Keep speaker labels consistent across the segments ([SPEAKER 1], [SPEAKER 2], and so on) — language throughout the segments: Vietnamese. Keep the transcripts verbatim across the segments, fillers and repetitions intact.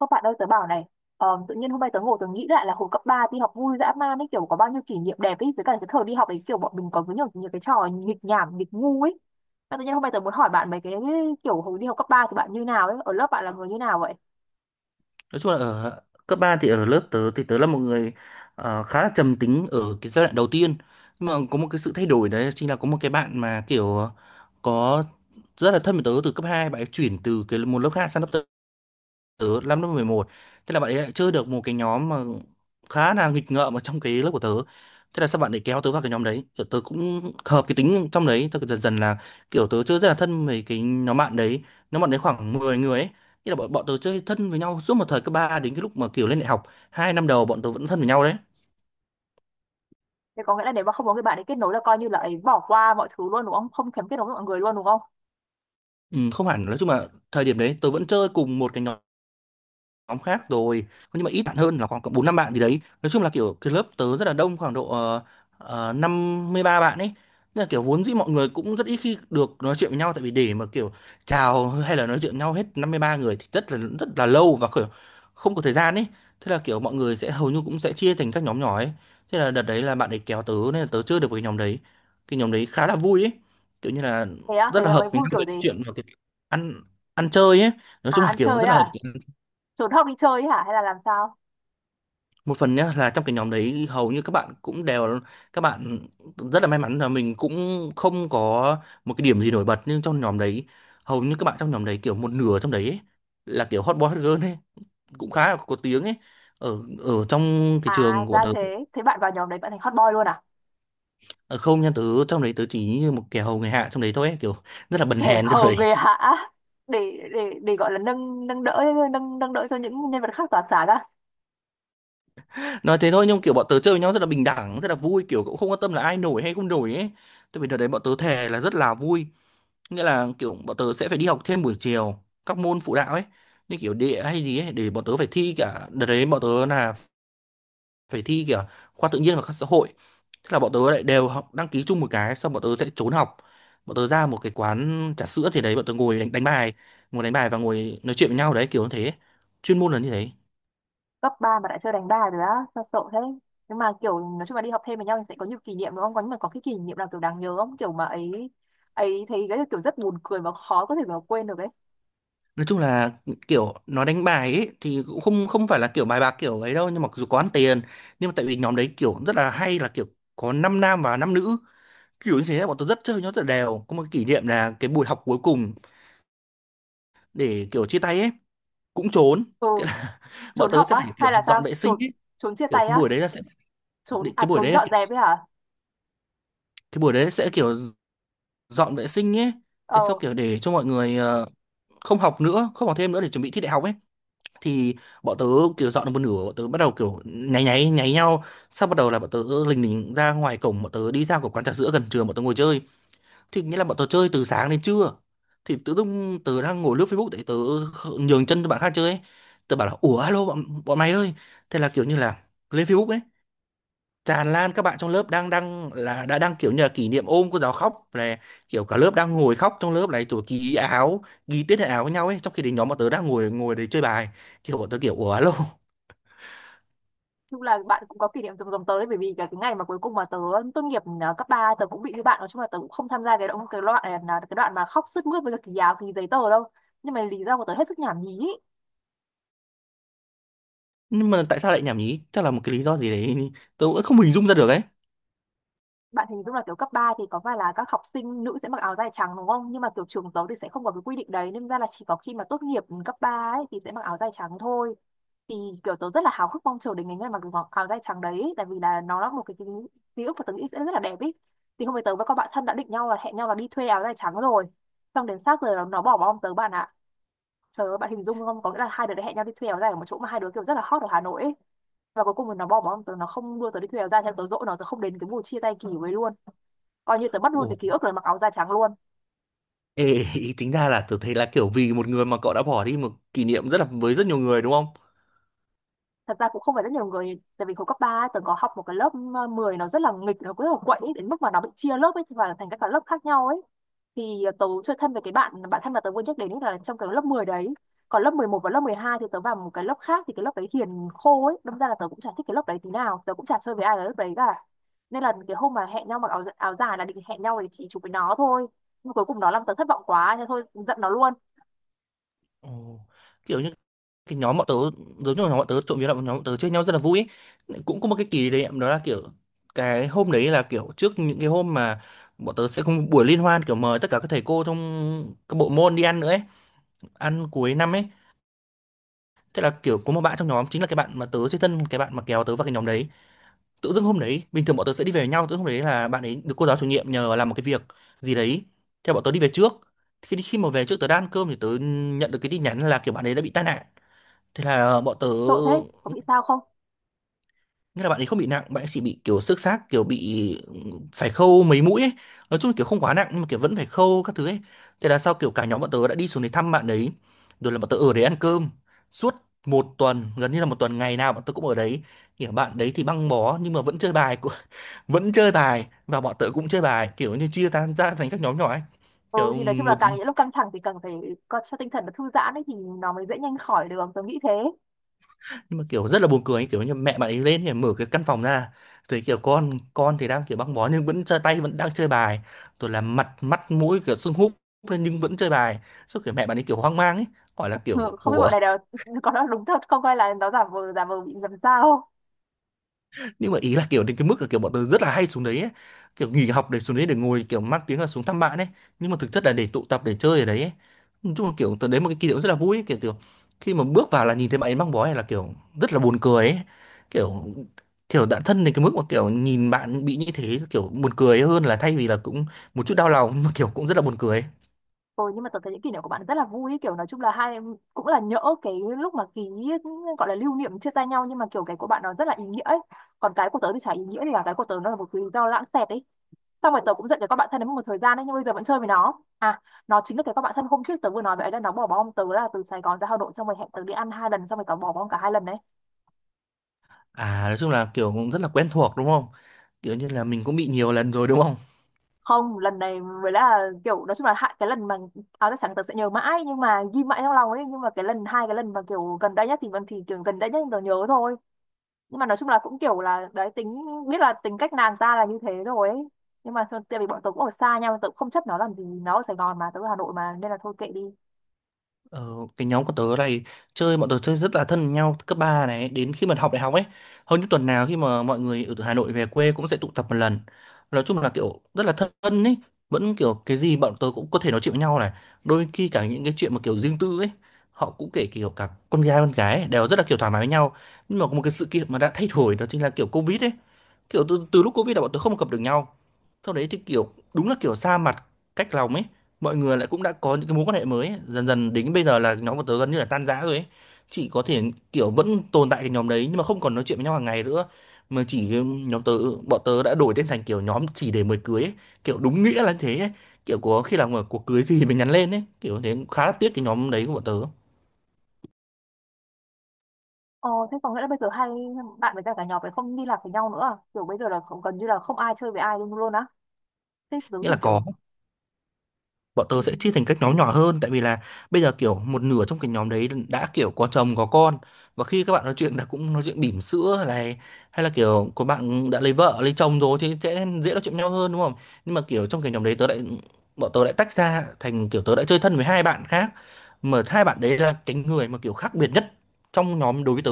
[SPEAKER 1] Các bạn ơi tớ bảo này. Ờ, tự nhiên hôm nay tớ ngồi tớ nghĩ lại là hồi cấp ba đi học vui dã man ấy, kiểu có bao nhiêu kỷ niệm đẹp ấy, với cả cái thời đi học ấy kiểu bọn mình có với nhiều, nhiều cái trò nghịch nhảm nghịch ngu ấy. Mà tự nhiên hôm nay tớ muốn hỏi bạn mấy cái, kiểu hồi đi học cấp ba thì bạn như nào ấy, ở lớp bạn là người như nào vậy?
[SPEAKER 2] Nói chung là ở cấp ba thì ở lớp tớ thì tớ là một người ờ, khá là trầm tính ở cái giai đoạn đầu tiên. Nhưng mà có một cái sự thay đổi đấy chính là có một cái bạn mà kiểu có rất là thân với tớ từ cấp hai. Bạn ấy chuyển từ cái một lớp khác sang lớp tớ năm lớp mười một. Thế là bạn ấy lại chưa được một cái nhóm mà khá là nghịch ngợm ở trong cái lớp của tớ. Thế là sao bạn ấy kéo tớ vào cái nhóm đấy, kiểu tớ cũng hợp cái tính trong đấy, tớ dần dần là kiểu tớ chưa rất là thân với cái nhóm bạn đấy. Nhóm bạn đấy khoảng mười người ấy. Thế là bọn, bọn tớ chơi thân với nhau suốt một thời cấp ba đến cái lúc mà kiểu lên đại học, hai năm đầu bọn tớ vẫn thân với nhau đấy.
[SPEAKER 1] Thế có nghĩa là nếu mà không có người bạn ấy kết nối là coi như là ấy bỏ qua mọi thứ luôn đúng không, không thèm kết nối với mọi người luôn đúng không?
[SPEAKER 2] Ừ, không hẳn, nói chung là thời điểm đấy tớ vẫn chơi cùng một cái nhóm, nhóm khác rồi, nhưng mà ít bạn hơn, là khoảng bốn năm bạn gì đấy. Nói chung là kiểu cái lớp tớ rất là đông, khoảng độ uh, năm mươi ba bạn ấy, nên là kiểu vốn dĩ mọi người cũng rất ít khi được nói chuyện với nhau, tại vì để mà kiểu chào hay là nói chuyện với nhau hết năm mươi ba người thì rất là rất là lâu và kiểu không có thời gian ấy. Thế là kiểu mọi người sẽ hầu như cũng sẽ chia thành các nhóm nhỏ ấy. Thế là đợt đấy là bạn ấy kéo tớ nên là tớ chơi được với cái nhóm đấy. Cái nhóm đấy khá là vui ấy, kiểu như là
[SPEAKER 1] Thế á? Thế
[SPEAKER 2] rất là
[SPEAKER 1] là mày
[SPEAKER 2] hợp với
[SPEAKER 1] vui
[SPEAKER 2] nhau
[SPEAKER 1] kiểu
[SPEAKER 2] về
[SPEAKER 1] gì?
[SPEAKER 2] cái chuyện và cái ăn ăn chơi ấy. Nói
[SPEAKER 1] À
[SPEAKER 2] chung là
[SPEAKER 1] ăn
[SPEAKER 2] kiểu
[SPEAKER 1] chơi
[SPEAKER 2] rất là hợp.
[SPEAKER 1] à? Trốn học đi chơi ấy hả, hay là làm sao?
[SPEAKER 2] Một phần nhá là trong cái nhóm đấy hầu như các bạn cũng đều các bạn rất là may mắn là mình cũng không có một cái điểm gì nổi bật, nhưng trong nhóm đấy hầu như các bạn trong nhóm đấy kiểu một nửa trong đấy ấy, là kiểu hot boy hot girl ấy, cũng khá là có tiếng ấy ở ở trong cái
[SPEAKER 1] À
[SPEAKER 2] trường của
[SPEAKER 1] ra
[SPEAKER 2] tớ.
[SPEAKER 1] thế, thế bạn vào nhóm đấy bạn thành hot boy luôn à?
[SPEAKER 2] ờ, Không nha, tớ trong đấy tớ chỉ như một kẻ hầu người hạ trong đấy thôi ấy, kiểu rất là bần
[SPEAKER 1] Kẻ
[SPEAKER 2] hèn trong
[SPEAKER 1] hầu
[SPEAKER 2] đấy.
[SPEAKER 1] người hạ. Để để để gọi là nâng nâng đỡ, nâng nâng đỡ cho những nhân vật khác tỏa sáng á?
[SPEAKER 2] Nói thế thôi nhưng kiểu bọn tớ chơi với nhau rất là bình đẳng, rất là vui, kiểu cũng không quan tâm là ai nổi hay không nổi ấy. Tại vì đợt đấy bọn tớ thề là rất là vui. Nghĩa là kiểu bọn tớ sẽ phải đi học thêm buổi chiều các môn phụ đạo ấy, như kiểu địa hay gì ấy, để bọn tớ phải thi. Cả đợt đấy bọn tớ là phải thi cả khoa tự nhiên và khoa xã hội. Thế là bọn tớ lại đều học đăng ký chung một cái, xong bọn tớ sẽ trốn học. Bọn tớ ra một cái quán trà sữa thì đấy bọn tớ ngồi đánh, đánh bài, ngồi đánh bài và ngồi nói chuyện với nhau đấy, kiểu như thế. Chuyên môn là như thế.
[SPEAKER 1] Cấp ba mà đã chơi đánh đài rồi á? Sao sợ thế? Nhưng mà kiểu nói chung là đi học thêm với nhau thì sẽ có nhiều kỷ niệm đúng không? Có nhưng mà có cái kỷ niệm nào kiểu đáng nhớ không, kiểu mà ấy, ấy thấy cái kiểu rất buồn cười và khó có thể mà quên được ấy?
[SPEAKER 2] Nói chung là kiểu nó đánh bài ấy thì cũng không không phải là kiểu bài bạc kiểu ấy đâu, nhưng mà dù có ăn tiền. Nhưng mà tại vì nhóm đấy kiểu rất là hay là kiểu có năm nam và năm nữ, kiểu như thế là bọn tôi rất chơi nó rất là đều. Có một kỷ niệm là cái buổi học cuối cùng để kiểu chia tay ấy cũng trốn.
[SPEAKER 1] Ừ.
[SPEAKER 2] Cái là bọn
[SPEAKER 1] Trốn
[SPEAKER 2] tớ
[SPEAKER 1] học
[SPEAKER 2] sẽ
[SPEAKER 1] á
[SPEAKER 2] phải
[SPEAKER 1] hay
[SPEAKER 2] kiểu
[SPEAKER 1] là
[SPEAKER 2] dọn
[SPEAKER 1] sao?
[SPEAKER 2] vệ
[SPEAKER 1] Trốn,
[SPEAKER 2] sinh ấy.
[SPEAKER 1] trốn chia
[SPEAKER 2] Kiểu
[SPEAKER 1] tay
[SPEAKER 2] cái
[SPEAKER 1] á?
[SPEAKER 2] buổi đấy là sẽ
[SPEAKER 1] Trốn
[SPEAKER 2] định,
[SPEAKER 1] à,
[SPEAKER 2] cái buổi
[SPEAKER 1] trốn
[SPEAKER 2] đấy là
[SPEAKER 1] dọn
[SPEAKER 2] kiểu,
[SPEAKER 1] dẹp ấy hả?
[SPEAKER 2] cái buổi đấy sẽ kiểu dọn vệ sinh ấy, thế sau
[SPEAKER 1] Ờ.
[SPEAKER 2] kiểu để cho mọi người ờ, không học nữa, không học thêm nữa, để chuẩn bị thi đại học ấy. Thì bọn tớ kiểu dọn được một nửa, bọn tớ bắt đầu kiểu nháy nháy nháy nhau, sau bắt đầu là bọn tớ lình lình ra ngoài cổng, bọn tớ đi ra của quán trà sữa gần trường, bọn tớ ngồi chơi. Thì nghĩa là bọn tớ chơi từ sáng đến trưa. Thì tự dưng tớ đang ngồi lướt Facebook, để tớ nhường chân cho bạn khác chơi ấy. Tớ bảo là ủa, alo bọn, bọn mày ơi, thế là kiểu như là lên Facebook ấy tràn lan các bạn trong lớp đang đang là đã đang kiểu như là kỷ niệm ôm cô giáo khóc, là kiểu cả lớp đang ngồi khóc trong lớp này, rồi ký áo, ký tiết hệ áo với nhau ấy, trong khi đến nhóm bọn tớ đang ngồi ngồi đấy chơi bài. Kiểu bọn tớ kiểu ủa, alo.
[SPEAKER 1] Chung là bạn cũng có kỷ niệm từng giống tớ đấy, bởi vì cái, cái ngày mà cuối cùng mà tớ tốt nghiệp ờ, cấp ba tớ cũng bị như bạn, nói chung là tớ cũng không tham gia cái đoạn cái đoạn là cái đoạn mà khóc sướt mướt với cả kỳ áo kỳ giấy tờ đâu, nhưng mà lý do của tớ hết sức nhảm nhí ý.
[SPEAKER 2] Nhưng mà tại sao lại nhảm nhí, chắc là một cái lý do gì đấy tớ cũng không hình dung ra được ấy.
[SPEAKER 1] Bạn hình dung là kiểu cấp ba thì có phải là các học sinh nữ sẽ mặc áo dài trắng đúng không? Nhưng mà kiểu trường tớ thì sẽ không có cái quy định đấy nên ra là chỉ có khi mà tốt nghiệp cấp ba ấy thì sẽ mặc áo dài trắng thôi. Thì kiểu tớ rất là háo hức mong chờ đến ngày ngày mặc mặc áo dài trắng đấy, tại vì là nó là một cái ký, ký ức mà tớ nghĩ sẽ rất là đẹp ý. Thì hôm nay tớ với các bạn thân đã định nhau là hẹn nhau là đi thuê áo dài trắng rồi. Xong đến sát giờ nó nó bỏ bom tớ bạn ạ. Trời ơi, bạn hình dung không? Có nghĩa là hai đứa đã hẹn nhau đi thuê áo dài ở một chỗ mà hai đứa kiểu rất là hot ở Hà Nội ấy, và cuối cùng thì nó bỏ bóng tớ, nó không đưa tớ đi thuê áo dài theo, tớ dỗi nó, tớ không đến cái buổi chia tay kỳ với luôn, coi như tớ mất luôn
[SPEAKER 2] Ủa.
[SPEAKER 1] cái ký ức là mặc áo da trắng luôn.
[SPEAKER 2] Ê, ý tính ra là tớ thấy là kiểu vì một người mà cậu đã bỏ đi một kỷ niệm rất là với rất nhiều người đúng không?
[SPEAKER 1] Thật ra cũng không phải rất nhiều người, tại vì hồi cấp ba ấy, tớ có học một cái lớp mười, nó rất là nghịch, nó cứ là quậy ấy, đến mức mà nó bị chia lớp ấy và thành các cái lớp khác nhau ấy. Thì ờ, tớ chơi thân với cái bạn bạn thân mà tớ vừa nhắc đến ấy là trong cái lớp mười đấy, còn lớp mười một và lớp mười hai thì tớ vào một cái lớp khác, thì cái lớp đấy hiền khô ấy, đâm ra là tớ cũng chả thích cái lớp đấy tí nào, tớ cũng chả chơi với ai ở lớp đấy cả. Nên là cái hôm mà hẹn nhau mặc áo, áo dài là định hẹn nhau để chỉ chụp với nó thôi, nhưng cuối cùng nó làm tớ thất vọng quá nên thôi, giận nó luôn.
[SPEAKER 2] Ồ. Kiểu như cái nhóm bọn tớ, giống như nhóm bọn tớ, trộm vía là bọn nhóm bọn tớ chơi nhau rất là vui ấy. Cũng có một cái kỷ niệm đó là kiểu cái hôm đấy là kiểu trước những cái hôm mà bọn tớ sẽ có một buổi liên hoan, kiểu mời tất cả các thầy cô trong các bộ môn đi ăn nữa ấy, ăn cuối năm ấy. Thế là kiểu có một bạn trong nhóm chính là cái bạn mà tớ chơi thân, cái bạn mà kéo tớ vào cái nhóm đấy, tự dưng hôm đấy bình thường bọn tớ sẽ đi về với nhau, tự dưng hôm đấy là bạn ấy được cô giáo chủ nhiệm nhờ làm một cái việc gì đấy, theo bọn tớ đi về trước. Thì khi khi mà về trước tớ đang ăn cơm thì tớ nhận được cái tin nhắn là kiểu bạn ấy đã bị tai nạn. Thế là bọn tớ,
[SPEAKER 1] Tội thế, có bị sao không?
[SPEAKER 2] nghĩa là bạn ấy không bị nặng, bạn ấy chỉ bị kiểu xước xác, kiểu bị phải khâu mấy mũi ấy. Nói chung là kiểu không quá nặng nhưng mà kiểu vẫn phải khâu các thứ ấy. Thế là sau kiểu cả nhóm bọn tớ đã đi xuống để thăm bạn ấy, rồi là bọn tớ ở đấy ăn cơm suốt một tuần, gần như là một tuần ngày nào bọn tớ cũng ở đấy. Kiểu bạn đấy thì băng bó nhưng mà vẫn chơi bài, vẫn chơi bài, và bọn tớ cũng chơi bài, kiểu như chia tan ra thành các nhóm nhỏ ấy.
[SPEAKER 1] Ừ
[SPEAKER 2] Kiểu
[SPEAKER 1] thì nói chung là
[SPEAKER 2] một. Ừ.
[SPEAKER 1] càng những lúc căng thẳng thì cần phải có cho tinh thần nó thư giãn ấy thì nó mới dễ nhanh khỏi được, tôi nghĩ thế.
[SPEAKER 2] Nhưng mà kiểu rất là buồn cười ấy. Kiểu như mẹ bạn ấy lên thì mở cái căn phòng ra thì kiểu con con thì đang kiểu băng bó nhưng vẫn chơi tay, vẫn đang chơi bài, rồi là mặt mắt mũi kiểu sưng húp lên nhưng vẫn chơi bài. Sau kiểu mẹ bạn ấy kiểu hoang mang ấy, hỏi là kiểu
[SPEAKER 1] Ừ, không biết
[SPEAKER 2] ủa.
[SPEAKER 1] bọn này đều có nói đúng thật không, hay là nó giả vờ giả vờ bị làm sao.
[SPEAKER 2] Nhưng mà ý là kiểu đến cái mức là kiểu bọn tôi rất là hay xuống đấy ấy, kiểu nghỉ học để xuống đấy để ngồi, kiểu mang tiếng là xuống thăm bạn ấy nhưng mà thực chất là để tụ tập để chơi ở đấy ấy. Nói chung là kiểu tớ đến một cái kỷ niệm rất là vui ấy, kiểu kiểu khi mà bước vào là nhìn thấy bạn ấy mang bó này là kiểu rất là buồn cười ấy, kiểu kiểu đã thân đến cái mức mà kiểu nhìn bạn bị như thế kiểu buồn cười hơn là thay vì là cũng một chút đau lòng, mà kiểu cũng rất là buồn cười ấy.
[SPEAKER 1] Ừ, nhưng mà tớ thấy những kỷ niệm của bạn rất là vui ấy, kiểu nói chung là hai em cũng là nhỡ cái lúc mà ký, gọi là lưu niệm chia tay nhau, nhưng mà kiểu cái của bạn nó rất là ý nghĩa ấy, còn cái của tớ thì chả ý nghĩa gì cả, cái của tớ nó là một cái lý do lãng xẹt ấy. Xong rồi tớ cũng giận cái con bạn thân đấy một thời gian đấy, nhưng bây giờ vẫn chơi với nó à, nó chính là cái con bạn thân hôm trước tớ vừa nói vậy ấy, là nó bỏ bom tớ là từ Sài Gòn ra Hà Nội xong rồi hẹn tớ đi ăn hai lần, xong rồi tớ bỏ bom cả hai lần đấy.
[SPEAKER 2] À, nói chung là kiểu cũng rất là quen thuộc đúng không? Kiểu như là mình cũng bị nhiều lần rồi đúng không?
[SPEAKER 1] Không, lần này mới là kiểu nói chung là hại, cái lần mà áo chắc chắn tớ sẽ nhớ mãi, nhưng mà ghi mãi trong lòng ấy, nhưng mà cái lần hai, cái lần mà kiểu gần đây nhất thì vẫn, thì kiểu gần đây nhất tớ nhớ thôi. Nhưng mà nói chung là cũng kiểu là đấy, tính biết là tính cách nàng ta là như thế rồi ấy, nhưng mà thôi, tại vì bọn tớ cũng ở xa nhau tớ cũng không chấp nó làm gì, nó ở Sài Gòn mà tớ ở Hà Nội mà nên là thôi kệ đi.
[SPEAKER 2] Ờ, cái nhóm của tớ này, chơi bọn tớ chơi rất là thân với nhau từ cấp ba này đến khi mà học đại học ấy. Hơn những tuần nào khi mà mọi người ở từ Hà Nội về quê cũng sẽ tụ tập một lần. Nói chung là kiểu rất là thân ấy. Vẫn kiểu cái gì bọn tớ cũng có thể nói chuyện với nhau này, đôi khi cả những cái chuyện mà kiểu riêng tư ấy, họ cũng kể kiểu cả con gái con gái ấy, đều rất là kiểu thoải mái với nhau. Nhưng mà có một cái sự kiện mà đã thay đổi đó chính là kiểu Covid ấy, kiểu từ, từ lúc Covid là bọn tôi không gặp được nhau. Sau đấy thì kiểu đúng là kiểu xa mặt cách lòng ấy, mọi người lại cũng đã có những cái mối quan hệ mới ấy. Dần dần đến bây giờ là nhóm bọn tớ gần như là tan rã rồi ấy, chỉ có thể kiểu vẫn tồn tại cái nhóm đấy nhưng mà không còn nói chuyện với nhau hàng ngày nữa. Mà chỉ nhóm tớ bọn tớ đã đổi tên thành kiểu nhóm chỉ để mời cưới ấy. Kiểu đúng nghĩa là thế ấy. Kiểu có khi là một cuộc cưới gì mình nhắn lên ấy kiểu thế, khá là tiếc cái nhóm đấy của bọn tớ.
[SPEAKER 1] Ờ, thế có nghĩa là bây giờ hai bạn với cả cả nhóm ấy không liên lạc với nhau nữa à? Kiểu bây giờ là không, gần như là không ai chơi với ai luôn luôn á. Thế tớ
[SPEAKER 2] Nghĩa là
[SPEAKER 1] tưởng
[SPEAKER 2] có,
[SPEAKER 1] kiểu...
[SPEAKER 2] bọn tớ
[SPEAKER 1] Ừ.
[SPEAKER 2] sẽ chia thành các nhóm nhỏ hơn, tại vì là bây giờ kiểu một nửa trong cái nhóm đấy đã kiểu có chồng có con, và khi các bạn nói chuyện là cũng nói chuyện bỉm sữa này, hay là kiểu có bạn đã lấy vợ lấy chồng rồi thì sẽ dễ nói chuyện với nhau hơn đúng không? Nhưng mà kiểu trong cái nhóm đấy tớ lại bọn tớ lại tách ra thành kiểu tớ đã chơi thân với hai bạn khác, mà hai bạn đấy là cái người mà kiểu khác biệt nhất trong nhóm đối với tớ.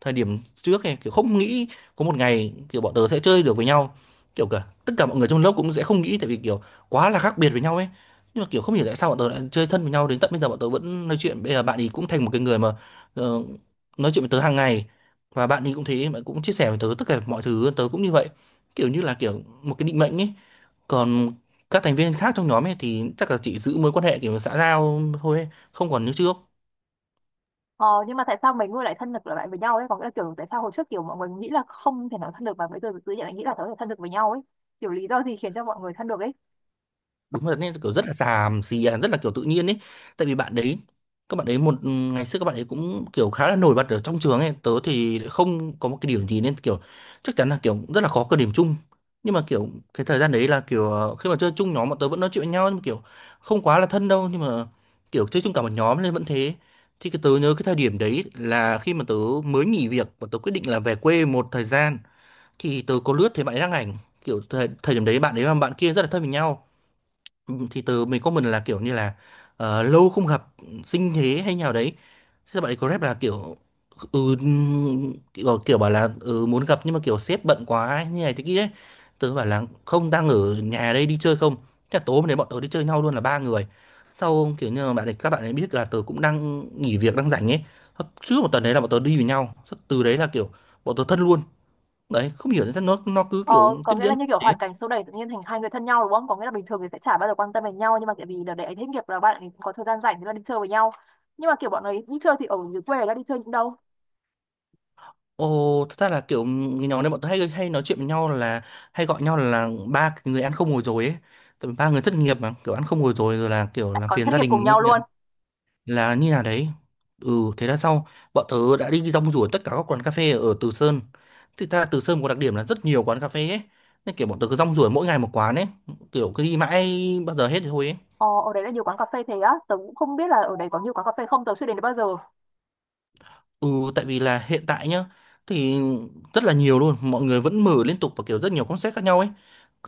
[SPEAKER 2] Thời điểm trước này kiểu không nghĩ có một ngày kiểu bọn tớ sẽ chơi được với nhau, kiểu cả tất cả mọi người trong lớp cũng sẽ không nghĩ, tại vì kiểu quá là khác biệt với nhau ấy. Nhưng mà kiểu không hiểu tại sao bọn tớ lại chơi thân với nhau, đến tận bây giờ bọn tớ vẫn nói chuyện. Bây giờ bạn ấy cũng thành một cái người mà ờ, nói chuyện với tớ hàng ngày, và bạn ấy cũng thế, bạn cũng chia sẻ với tớ tất cả mọi thứ, tớ cũng như vậy. Kiểu như là kiểu một cái định mệnh ấy. Còn các thành viên khác trong nhóm ấy thì chắc là chỉ giữ mối quan hệ kiểu xã giao thôi ấy, không còn như trước.
[SPEAKER 1] Ờ, nhưng mà tại sao mấy người lại thân được lại với nhau ấy? Có nghĩa là kiểu tại sao hồi trước kiểu mọi người nghĩ là không thể nói thân được mà bây giờ tự nhiên lại nghĩ là có thể thân được với nhau ấy. Kiểu lý do gì khiến cho mọi người thân được ấy?
[SPEAKER 2] Đúng là nên kiểu rất là xàm xì à, rất là kiểu tự nhiên ấy. Tại vì bạn đấy các bạn ấy một ừ, ngày xưa các bạn ấy cũng kiểu khá là nổi bật ở trong trường ấy, tớ thì lại không có một cái điểm gì nên kiểu chắc chắn là kiểu rất là khó có điểm chung. Nhưng mà kiểu cái thời gian đấy là kiểu ờ, khi mà chơi chung nhóm bọn tớ vẫn nói chuyện với nhau nhưng mà kiểu không quá là thân đâu, nhưng mà kiểu chơi chung cả một nhóm nên vẫn thế. Thì cái tớ nhớ cái thời điểm đấy là khi mà tớ mới nghỉ việc và tớ quyết định là về quê một thời gian, thì tớ có lướt thấy bạn ấy đăng ảnh kiểu thời, thời điểm đấy bạn ấy và bạn kia rất là thân với nhau. Ừ, thì từ mình có mình là kiểu như là ờ, lâu không gặp sinh thế hay nào đấy. Thế bạn ấy có rep là kiểu ừ, kiểu, kiểu bảo là ừ, muốn gặp nhưng mà kiểu sếp bận quá ấy, như này thế kia ấy. Tớ bảo là không, đang ở nhà đây đi chơi không? Thế là tối hôm đấy bọn tớ đi chơi nhau luôn là ba người, sau kiểu như là bạn ấy, các bạn ấy biết là tớ cũng đang nghỉ việc đang rảnh ấy. Trước một tuần đấy là bọn tớ đi với nhau. Sau- từ đấy là kiểu bọn tớ thân luôn. Đấy, không hiểu sao nó nó cứ
[SPEAKER 1] Ờ,
[SPEAKER 2] kiểu
[SPEAKER 1] có
[SPEAKER 2] tiếp
[SPEAKER 1] nghĩa là
[SPEAKER 2] diễn
[SPEAKER 1] như kiểu
[SPEAKER 2] thế.
[SPEAKER 1] hoàn cảnh xô đẩy tự nhiên thành hai người thân nhau đúng không? Có nghĩa là bình thường thì sẽ chả bao giờ quan tâm đến nhau nhưng mà tại vì đợt đấy hết nghiệp là bạn ấy có thời gian rảnh thì là đi chơi với nhau. Nhưng mà kiểu bọn ấy đi chơi thì ở dưới quê là đi chơi những đâu?
[SPEAKER 2] Ồ, thật ra là kiểu người nhóm này bọn tôi hay hay nói chuyện với nhau là hay gọi nhau là ba cái người ăn không ngồi rồi ấy. Tại vì ba người thất nghiệp mà kiểu ăn không ngồi rồi rồi là kiểu
[SPEAKER 1] Lại
[SPEAKER 2] làm
[SPEAKER 1] còn
[SPEAKER 2] phiền
[SPEAKER 1] thất
[SPEAKER 2] gia
[SPEAKER 1] nghiệp
[SPEAKER 2] đình
[SPEAKER 1] cùng
[SPEAKER 2] ấy
[SPEAKER 1] nhau
[SPEAKER 2] nhỉ.
[SPEAKER 1] luôn.
[SPEAKER 2] Là như nào đấy. Ừ, thế là sau bọn tớ đã đi rong ruổi tất cả các quán cà phê ở Từ Sơn. Thực ra Từ Sơn có đặc điểm là rất nhiều quán cà phê ấy. Nên kiểu bọn tớ cứ rong ruổi mỗi ngày một quán ấy, kiểu cứ đi mãi bao giờ hết thì thôi ấy.
[SPEAKER 1] Ờ, ở đấy là nhiều quán cà phê thế á, tớ cũng không biết là ở đấy có nhiều quán cà phê không, tớ chưa đến đấy bao giờ.
[SPEAKER 2] Ừ, tại vì là hiện tại nhá thì rất là nhiều luôn, mọi người vẫn mở liên tục và kiểu rất nhiều concept khác nhau ấy.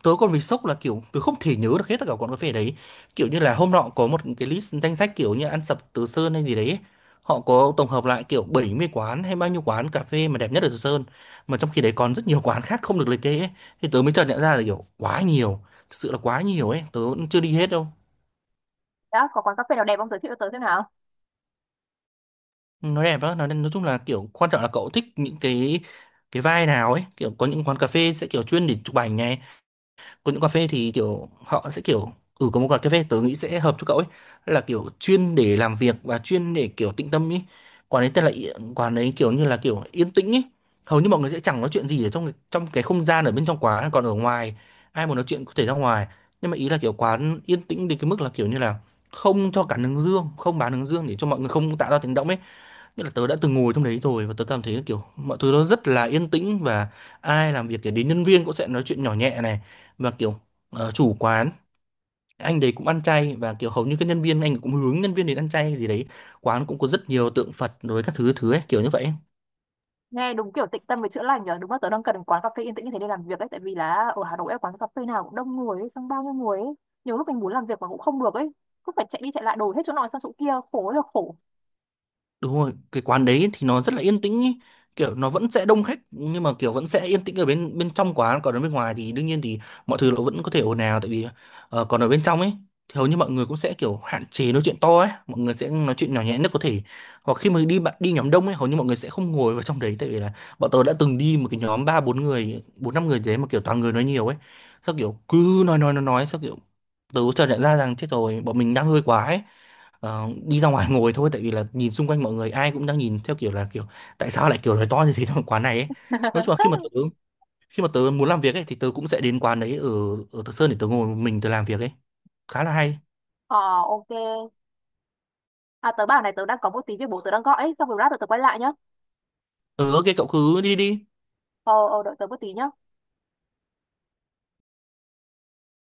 [SPEAKER 2] Tớ còn bị sốc là kiểu tớ không thể nhớ được hết tất cả quán cà phê đấy, kiểu như là hôm nọ có một cái list danh sách kiểu như ăn sập Từ Sơn hay gì đấy, họ có tổng hợp lại kiểu bảy mươi quán hay bao nhiêu quán cà phê mà đẹp nhất ở Từ Sơn, mà trong khi đấy còn rất nhiều quán khác không được liệt kê ấy. Thì tớ mới chợt nhận ra là kiểu quá nhiều, thực sự là quá nhiều ấy, tớ cũng chưa đi hết đâu.
[SPEAKER 1] Đã, có quán cà phê nào đẹp không, giới thiệu cho tớ xem nào?
[SPEAKER 2] Nó đẹp đó, nói, nói chung là kiểu quan trọng là cậu thích những cái cái vibe nào ấy, kiểu có những quán cà phê sẽ kiểu chuyên để chụp ảnh này. Còn những cà phê thì kiểu họ sẽ kiểu, ừ có một quán cà phê tớ nghĩ sẽ hợp cho cậu ấy, là kiểu chuyên để làm việc và chuyên để kiểu tĩnh tâm ấy. Quán ấy tên là Yên- quán ấy kiểu như là kiểu yên tĩnh ấy. Hầu như mọi người sẽ chẳng nói chuyện gì ở trong trong cái không gian ở bên trong quán, còn ở ngoài ai muốn nói chuyện có thể ra ngoài. Nhưng mà ý là kiểu quán yên tĩnh đến cái mức là kiểu như là không cho cả hướng dương, không bán hướng dương để cho mọi người không tạo ra tiếng động ấy. Nghĩa là tớ đã từng ngồi trong đấy rồi và tớ cảm thấy kiểu mọi thứ nó rất là yên tĩnh, và ai làm việc thì đến nhân viên cũng sẽ nói chuyện nhỏ nhẹ này, và kiểu ờ, chủ quán anh đấy cũng ăn chay và kiểu hầu như các nhân viên anh cũng hướng nhân viên đến ăn chay gì đấy. Quán cũng có rất nhiều tượng Phật rồi các thứ thứ ấy kiểu như vậy.
[SPEAKER 1] Nghe đúng kiểu tịnh tâm với chữa lành nhở, đúng là tớ đang cần quán cà phê yên tĩnh như thế để làm việc ấy, tại vì là ở Hà Nội ấy, quán cà phê nào cũng đông người ấy, xong bao nhiêu người ấy. Nhiều lúc mình muốn làm việc mà cũng không được ấy, cứ phải chạy đi chạy lại đổi hết chỗ này sang chỗ kia, khổ ơi là khổ.
[SPEAKER 2] Đúng rồi, cái quán đấy thì nó rất là yên tĩnh ý. Kiểu nó vẫn sẽ đông khách nhưng mà kiểu vẫn sẽ yên tĩnh ở bên bên trong quán, còn ở bên ngoài thì đương nhiên thì mọi thứ nó vẫn có thể ồn ào, tại vì ờ, còn ở bên trong ấy thì hầu như mọi người cũng sẽ kiểu hạn chế nói chuyện to ấy, mọi người sẽ nói chuyện nhỏ nhẹ nhất có thể. Hoặc khi mà đi bạn đi nhóm đông ấy hầu như mọi người sẽ không ngồi vào trong đấy, tại vì là bọn tôi đã từng đi một cái nhóm ba bốn người, bốn năm người gì đấy mà kiểu toàn người nói nhiều ấy. Sao kiểu cứ nói nói nói nói sao kiểu tớ chợt nhận ra rằng chết rồi bọn mình đang hơi quá ấy, ờ, đi ra ngoài ngồi thôi, tại vì là nhìn xung quanh mọi người ai cũng đang nhìn theo kiểu là kiểu tại sao lại kiểu nói to như thế trong quán này ấy. Nói chung là khi mà tớ khi mà tớ muốn làm việc ấy thì tớ cũng sẽ đến quán đấy ở ở Thọ Sơn để tớ ngồi một mình tớ làm việc ấy, khá là hay.
[SPEAKER 1] Ờ, ok. À, tớ bảo này, tớ đang có một tí việc bố tớ đang gọi ấy, xong rồi lát tớ tớ quay lại nhá.
[SPEAKER 2] Ờ, ok, cậu cứ đi đi.
[SPEAKER 1] Ờ, ờ, đợi tớ một tí nhá.